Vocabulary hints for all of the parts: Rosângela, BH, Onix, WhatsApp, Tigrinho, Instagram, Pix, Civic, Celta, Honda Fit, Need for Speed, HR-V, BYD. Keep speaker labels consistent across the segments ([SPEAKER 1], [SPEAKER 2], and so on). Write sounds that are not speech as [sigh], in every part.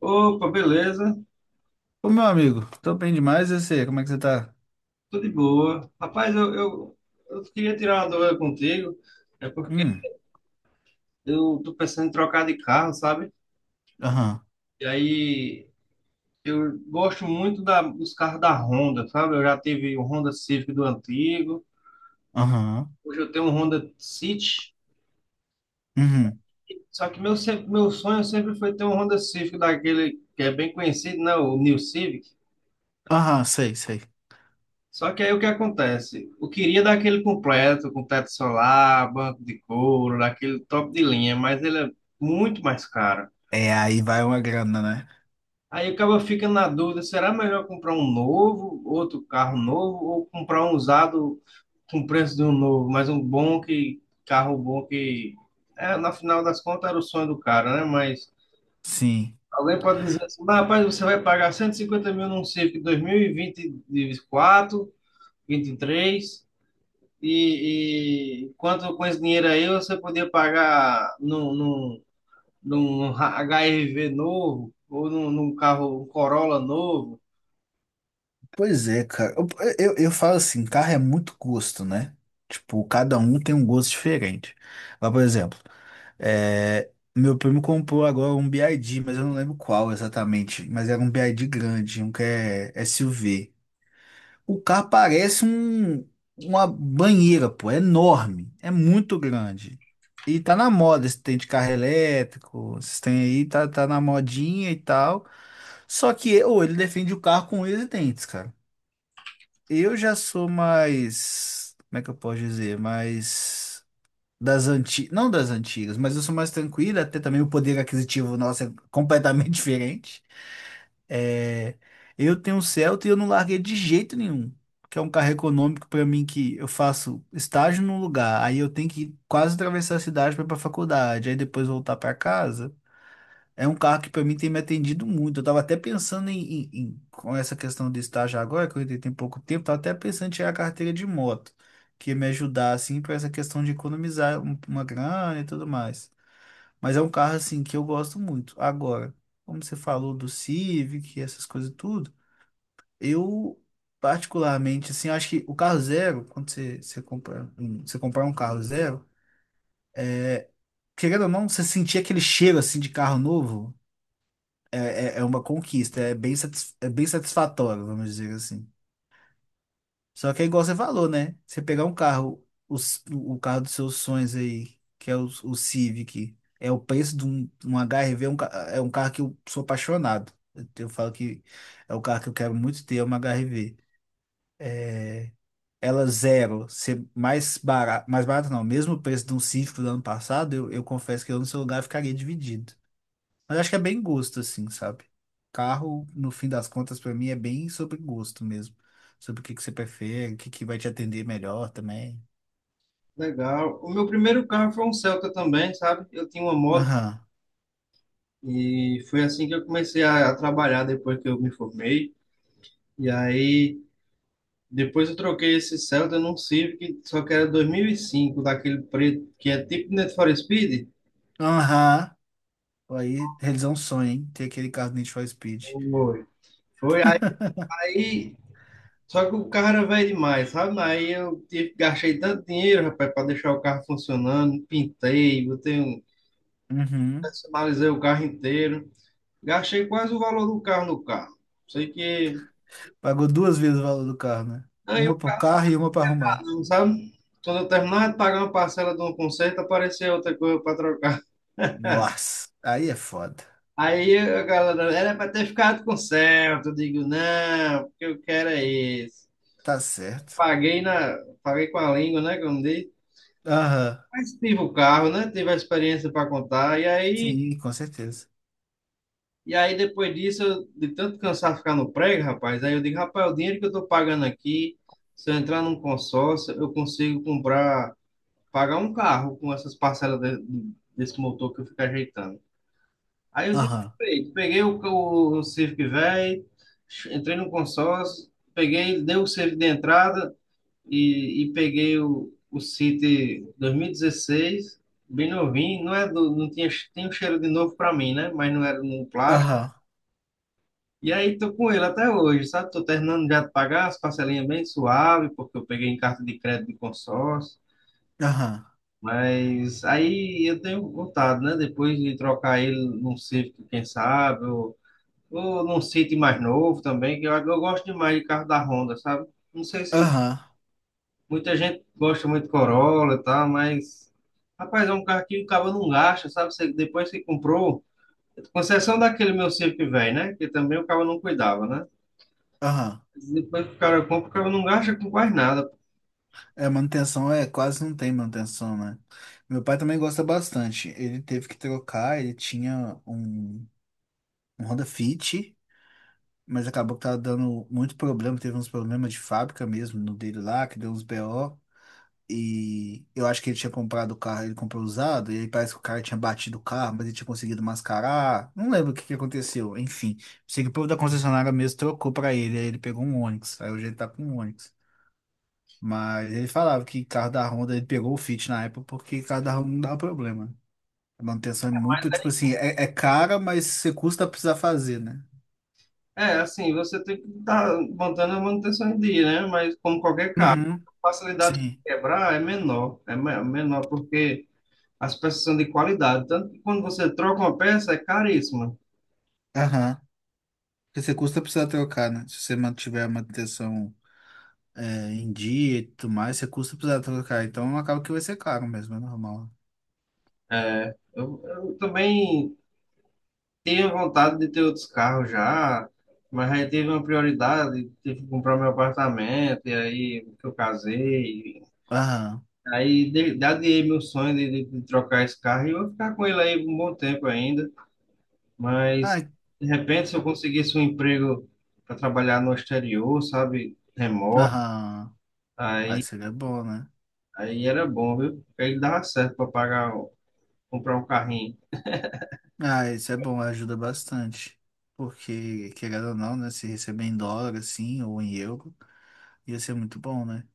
[SPEAKER 1] Opa, beleza?
[SPEAKER 2] Ô, meu amigo, tô bem demais, eu sei. Como é que você tá?
[SPEAKER 1] Tudo de boa. Rapaz, eu queria tirar uma dúvida contigo, é porque
[SPEAKER 2] Hum,
[SPEAKER 1] eu tô pensando em trocar de carro, sabe?
[SPEAKER 2] aham,
[SPEAKER 1] E aí eu gosto muito dos carros da Honda, sabe? Eu já tive o Honda Civic do antigo,
[SPEAKER 2] aham,
[SPEAKER 1] hoje eu tenho um Honda City,
[SPEAKER 2] uhum,
[SPEAKER 1] só que meu, se- meu sonho sempre foi ter um Honda Civic daquele que é bem conhecido, né? O New Civic.
[SPEAKER 2] aham, sei, sei.
[SPEAKER 1] Só que aí o que acontece? Eu queria dar aquele completo, com teto solar, banco de couro, daquele top de linha, mas ele é muito mais caro.
[SPEAKER 2] É, aí vai uma grana, né?
[SPEAKER 1] Aí acaba ficando na dúvida, será melhor comprar um novo, outro carro novo, ou comprar um usado com preço de um novo, mas um carro bom na final das contas era o sonho do cara, né? Mas
[SPEAKER 2] Sim.
[SPEAKER 1] alguém pode dizer assim: "Mas, rapaz, você vai pagar 150 mil num Civic 2024, 23. E quanto com esse dinheiro aí você podia pagar num HRV novo ou num carro, um Corolla novo."
[SPEAKER 2] Pois é, cara. Eu falo assim, carro é muito gosto, né? Tipo, cada um tem um gosto diferente. Mas, por exemplo, é, meu primo comprou agora um BYD, mas eu não lembro qual exatamente. Mas era um BYD grande, um que é SUV. O carro parece uma banheira, pô, é enorme, é muito grande. E tá na moda esse tem de carro elétrico, esses tem aí, tá, tá na modinha e tal. Só que ou ele defende o carro com unhas e dentes, cara. Eu já sou mais, como é que eu posso dizer? Mais das antigas, não das antigas, mas eu sou mais tranquila, até também o poder aquisitivo nosso é completamente [laughs] diferente. É, eu tenho um Celta e eu não larguei de jeito nenhum, que é um carro econômico para mim que eu faço estágio num lugar, aí eu tenho que quase atravessar a cidade para ir para faculdade, aí depois voltar para casa. É um carro que para mim tem me atendido muito. Eu tava até pensando em, com essa questão de estágio agora, que eu entrei tem pouco tempo, tava até pensando em tirar a carteira de moto, que ia me ajudar assim para essa questão de economizar uma grana e tudo mais. Mas é um carro assim que eu gosto muito. Agora, como você falou do Civic, essas coisas tudo, eu particularmente assim, acho que o carro zero, quando você compra, você comprar um carro zero, querendo ou não, você sentir aquele cheiro assim de carro novo. É, é uma conquista, é bem, é bem satisfatório, vamos dizer assim. Só que é igual você falou, né? Você pegar um carro, o carro dos seus sonhos aí, que é o Civic, é o preço de um HR-V, é é um carro que eu sou apaixonado. Eu falo que é o carro que eu quero muito ter, é uma HR-V. É, ela zero, ser mais barato não, mesmo o preço de um Civic do ano passado, eu confesso que eu no seu lugar ficaria dividido. Mas acho que é bem gosto, assim, sabe? Carro, no fim das contas, pra mim é bem sobre gosto mesmo. Sobre o que que você prefere, o que que vai te atender melhor também.
[SPEAKER 1] Legal. O meu primeiro carro foi um Celta também, sabe? Eu tinha uma moto
[SPEAKER 2] Aham.
[SPEAKER 1] e foi assim que eu comecei a trabalhar depois que eu me formei. E aí depois eu troquei esse Celta num Civic, só que era 2005, daquele preto que é tipo Need for Speed.
[SPEAKER 2] Aham. Aí realizar um sonho, hein? Ter aquele carro do Need for Speed.
[SPEAKER 1] Foi. Foi
[SPEAKER 2] [laughs]
[SPEAKER 1] aí. Só que o carro era velho demais, sabe? Aí eu gastei tanto dinheiro, rapaz, para deixar o carro funcionando, pintei,
[SPEAKER 2] Uhum.
[SPEAKER 1] personalizei o carro inteiro. Gastei quase o valor do carro no carro. Sei que
[SPEAKER 2] Pagou duas vezes o valor do carro, né?
[SPEAKER 1] aí o
[SPEAKER 2] Uma pro carro e uma pra arrumar.
[SPEAKER 1] carro, sabe? Quando eu terminava de pagar uma parcela de um conserto, aparecia outra coisa para trocar.
[SPEAKER 2] Nossa, aí é foda.
[SPEAKER 1] Aí a galera, era para ter ficado com o certo. Eu digo, não, o que eu quero é isso.
[SPEAKER 2] Tá certo.
[SPEAKER 1] Paguei na, Paguei com a língua, né, como diz.
[SPEAKER 2] Aham.
[SPEAKER 1] Mas tive o carro, né? Tive a experiência para contar. E
[SPEAKER 2] Sim, com certeza.
[SPEAKER 1] Aí, depois disso, eu, de tanto cansar de ficar no prego, rapaz, aí eu digo, rapaz, o dinheiro que eu tô pagando aqui, se eu entrar num consórcio, eu consigo comprar, pagar um carro com essas desse motor que eu fico ajeitando. Aí eu digo:
[SPEAKER 2] Aham.
[SPEAKER 1] "Ei, peguei o Civic velho, entrei no consórcio, peguei, dei o Civic de entrada e peguei o City 2016, bem novinho, não é do, não tinha, tem um cheiro de novo para mim, né? Mas não era no plástico
[SPEAKER 2] Aham.
[SPEAKER 1] e aí tô com ele até hoje, sabe? Tô terminando já de pagar as parcelinhas bem suave, porque eu peguei em carta de crédito de consórcio.
[SPEAKER 2] Aham.
[SPEAKER 1] Mas aí eu tenho vontade, né? Depois de trocar ele num Civic, quem sabe, ou num City mais novo também, que eu gosto demais de carro da Honda, sabe? Não sei se
[SPEAKER 2] Aham.
[SPEAKER 1] muita gente gosta muito de Corolla e tal, mas... Rapaz, é um carro que o cabo não gasta, sabe? Você, depois que comprou, com exceção daquele meu Civic velho, né? Que também o cabo não cuidava, né?
[SPEAKER 2] Aham.
[SPEAKER 1] Depois que o cara compra, o cara não gasta com quase nada.
[SPEAKER 2] É, manutenção é quase não tem manutenção, né? Meu pai também gosta bastante. Ele teve que trocar, ele tinha um Honda Fit, mas acabou que tava dando muito problema, teve uns problemas de fábrica mesmo no dele lá, que deu uns BO. E eu acho que ele tinha comprado o carro, ele comprou usado, e aí parece que o cara tinha batido o carro, mas ele tinha conseguido mascarar. Não lembro o que que aconteceu. Enfim, sei que o povo da concessionária mesmo trocou pra ele, aí ele pegou um Onix, aí hoje ele tá com um Onix. Mas ele falava que carro da Honda, ele pegou o Fit na época porque carro da Honda não dava problema. A manutenção é muito, tipo assim, é cara, mas você custa a precisar fazer, né?
[SPEAKER 1] É, assim, você tem que estar botando a manutenção em dia, né? Mas como qualquer carro,
[SPEAKER 2] Uhum,
[SPEAKER 1] a facilidade de
[SPEAKER 2] sim.
[SPEAKER 1] quebrar é menor, é menor porque as peças são de qualidade. Tanto que quando você troca uma peça, é caríssima.
[SPEAKER 2] Aham. Porque você custa precisar trocar, né? Se você mantiver a manutenção em dia e tudo mais, você custa precisar trocar. Então acaba que vai ser caro mesmo, é normal.
[SPEAKER 1] É, eu também tenho vontade de ter outros carros já, mas aí teve uma prioridade, tive que comprar meu apartamento, e aí que eu casei.
[SPEAKER 2] Aham.
[SPEAKER 1] Daria meu sonho de trocar esse carro e eu vou ficar com ele aí um bom tempo ainda. Mas
[SPEAKER 2] Ai,
[SPEAKER 1] de repente, se eu
[SPEAKER 2] co-
[SPEAKER 1] conseguisse um emprego para trabalhar no exterior, sabe, remoto,
[SPEAKER 2] aham. Ah,
[SPEAKER 1] aí,
[SPEAKER 2] isso aí é bom, né?
[SPEAKER 1] aí era bom, viu? Porque ele dava certo para comprar um carrinho.
[SPEAKER 2] Ah, isso é bom, ajuda bastante. Porque, querendo ou não, né? Se receber em dólar, assim, ou em euro. Ia ser muito bom, né?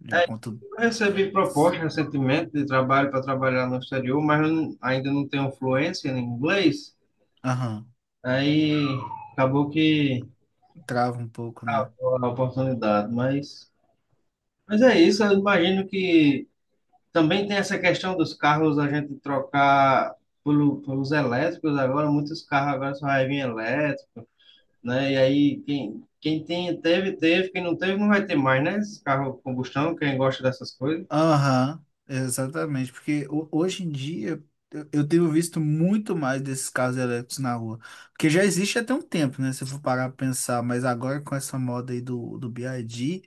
[SPEAKER 2] Já
[SPEAKER 1] É,
[SPEAKER 2] conto.
[SPEAKER 1] eu recebi proposta recentemente de trabalho para trabalhar no exterior, mas eu ainda não tenho fluência em inglês.
[SPEAKER 2] Aham.
[SPEAKER 1] Aí acabou que
[SPEAKER 2] Trava um pouco, né?
[SPEAKER 1] acabou a oportunidade, mas é isso. Eu imagino que também tem essa questão dos carros a gente trocar pelo, pelos elétricos agora, muitos carros agora só vai vir elétrico, né? E aí quem tem, teve, quem não teve não vai ter mais, né? Esse carro combustão, quem gosta dessas coisas.
[SPEAKER 2] Aham. Exatamente. Porque hoje em dia eu tenho visto muito mais desses carros elétricos na rua. Porque já existe até um tempo, né? Se eu for parar pra pensar. Mas agora com essa moda aí do, do BYD.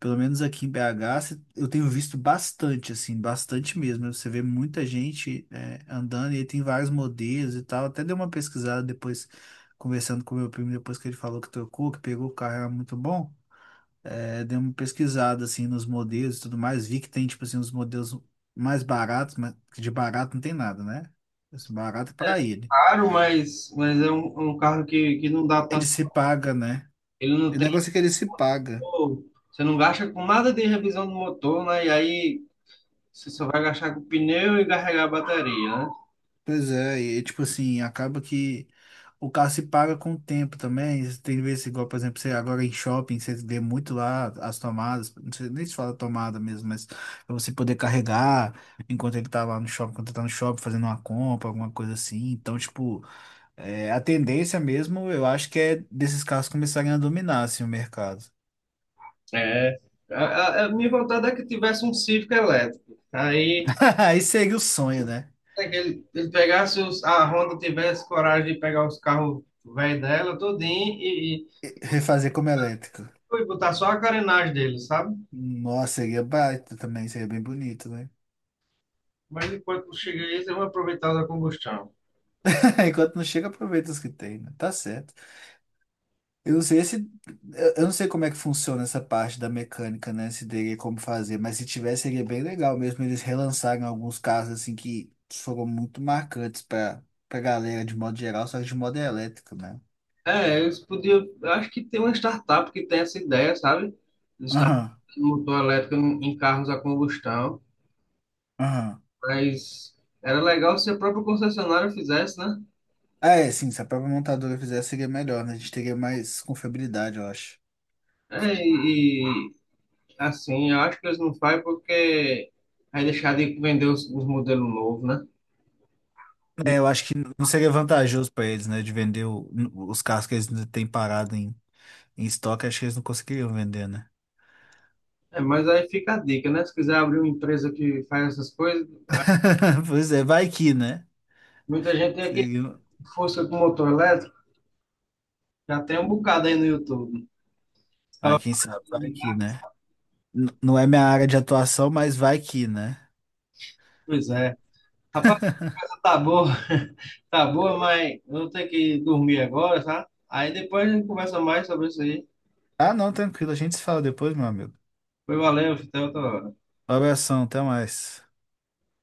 [SPEAKER 2] Pelo menos aqui em BH, eu tenho visto bastante, assim, bastante mesmo. Você vê muita gente andando e aí tem vários modelos e tal. Até dei uma pesquisada depois, conversando com meu primo, depois que ele falou que trocou, que pegou o carro, era muito bom. É, dei uma pesquisada, assim, nos modelos e tudo mais. Vi que tem, tipo assim, uns modelos mais baratos, mas que de barato não tem nada, né? Esse barato é pra ele.
[SPEAKER 1] Claro, mas é é um carro que não dá
[SPEAKER 2] Ele
[SPEAKER 1] tanto,
[SPEAKER 2] se paga, né?
[SPEAKER 1] ele não
[SPEAKER 2] O
[SPEAKER 1] tem,
[SPEAKER 2] negócio é que ele se paga.
[SPEAKER 1] pô, você não gasta com nada de revisão do motor, né? E aí você só vai gastar com pneu e carregar a bateria, né?
[SPEAKER 2] Pois é, e tipo assim, acaba que o carro se paga com o tempo também. Tem vezes igual, por exemplo, você agora em shopping, você vê muito lá as tomadas, não sei nem se fala tomada mesmo, mas pra você poder carregar enquanto ele tá lá no shopping, enquanto tá no shopping fazendo uma compra, alguma coisa assim. Então, tipo, a tendência mesmo, eu acho que é desses carros começarem a dominar assim, o mercado.
[SPEAKER 1] É. A minha vontade é que tivesse um Civic elétrico. Aí
[SPEAKER 2] [laughs] Aí seria o sonho, né?
[SPEAKER 1] é que ele pegasse os, a Honda tivesse coragem de pegar os carros velhos dela, tudinho,
[SPEAKER 2] Refazer como elétrico.
[SPEAKER 1] e botar só a carenagem dele, sabe?
[SPEAKER 2] Nossa, seria baita também, seria bem bonito, né?
[SPEAKER 1] Mas enquanto chega aí, eles vão aproveitar da combustão.
[SPEAKER 2] [laughs] Enquanto não chega, aproveita os que tem, né? Tá certo. Eu não sei se, eu não sei como é que funciona essa parte da mecânica, né? Se teria como fazer, mas se tivesse, seria bem legal mesmo. Eles relançarem alguns casos assim que foram muito marcantes pra galera de modo geral, só que de modo elétrico, né?
[SPEAKER 1] É, eles podiam. Eu acho que tem uma startup que tem essa ideia, sabe? Startup
[SPEAKER 2] Aham,
[SPEAKER 1] de motor elétrico em carros a combustão.
[SPEAKER 2] aham.
[SPEAKER 1] Mas era legal se a própria concessionária fizesse, né?
[SPEAKER 2] Ah, é, sim, se a própria montadora fizesse, seria melhor, né? A gente teria mais confiabilidade, eu acho.
[SPEAKER 1] É, e, assim, eu acho que eles não fazem porque vai deixar de vender os modelos novos, né?
[SPEAKER 2] É, eu acho que não seria vantajoso pra eles, né? De vender os carros que eles ainda têm parado em, em estoque, acho que eles não conseguiriam vender, né?
[SPEAKER 1] É, mas aí fica a dica, né? Se quiser abrir uma empresa que faz essas coisas,
[SPEAKER 2] [laughs] Pois é, vai que, né?
[SPEAKER 1] muita gente tem aqui
[SPEAKER 2] Seguindo-
[SPEAKER 1] força com motor elétrico, já tem um bocado aí no YouTube. Os
[SPEAKER 2] Ah,
[SPEAKER 1] caras
[SPEAKER 2] quem
[SPEAKER 1] falam,
[SPEAKER 2] sabe, vai que, né? Não é minha área de atuação, mas vai que, né?
[SPEAKER 1] pois é. Rapaz, a
[SPEAKER 2] [laughs]
[SPEAKER 1] coisa tá boa, [laughs] tá boa, mas eu vou ter que dormir agora, tá? Aí depois a gente conversa mais sobre isso aí.
[SPEAKER 2] Ah, não, tranquilo, a gente se fala depois, meu amigo.
[SPEAKER 1] Foi, valeu, até outra hora.
[SPEAKER 2] Um abração, até mais.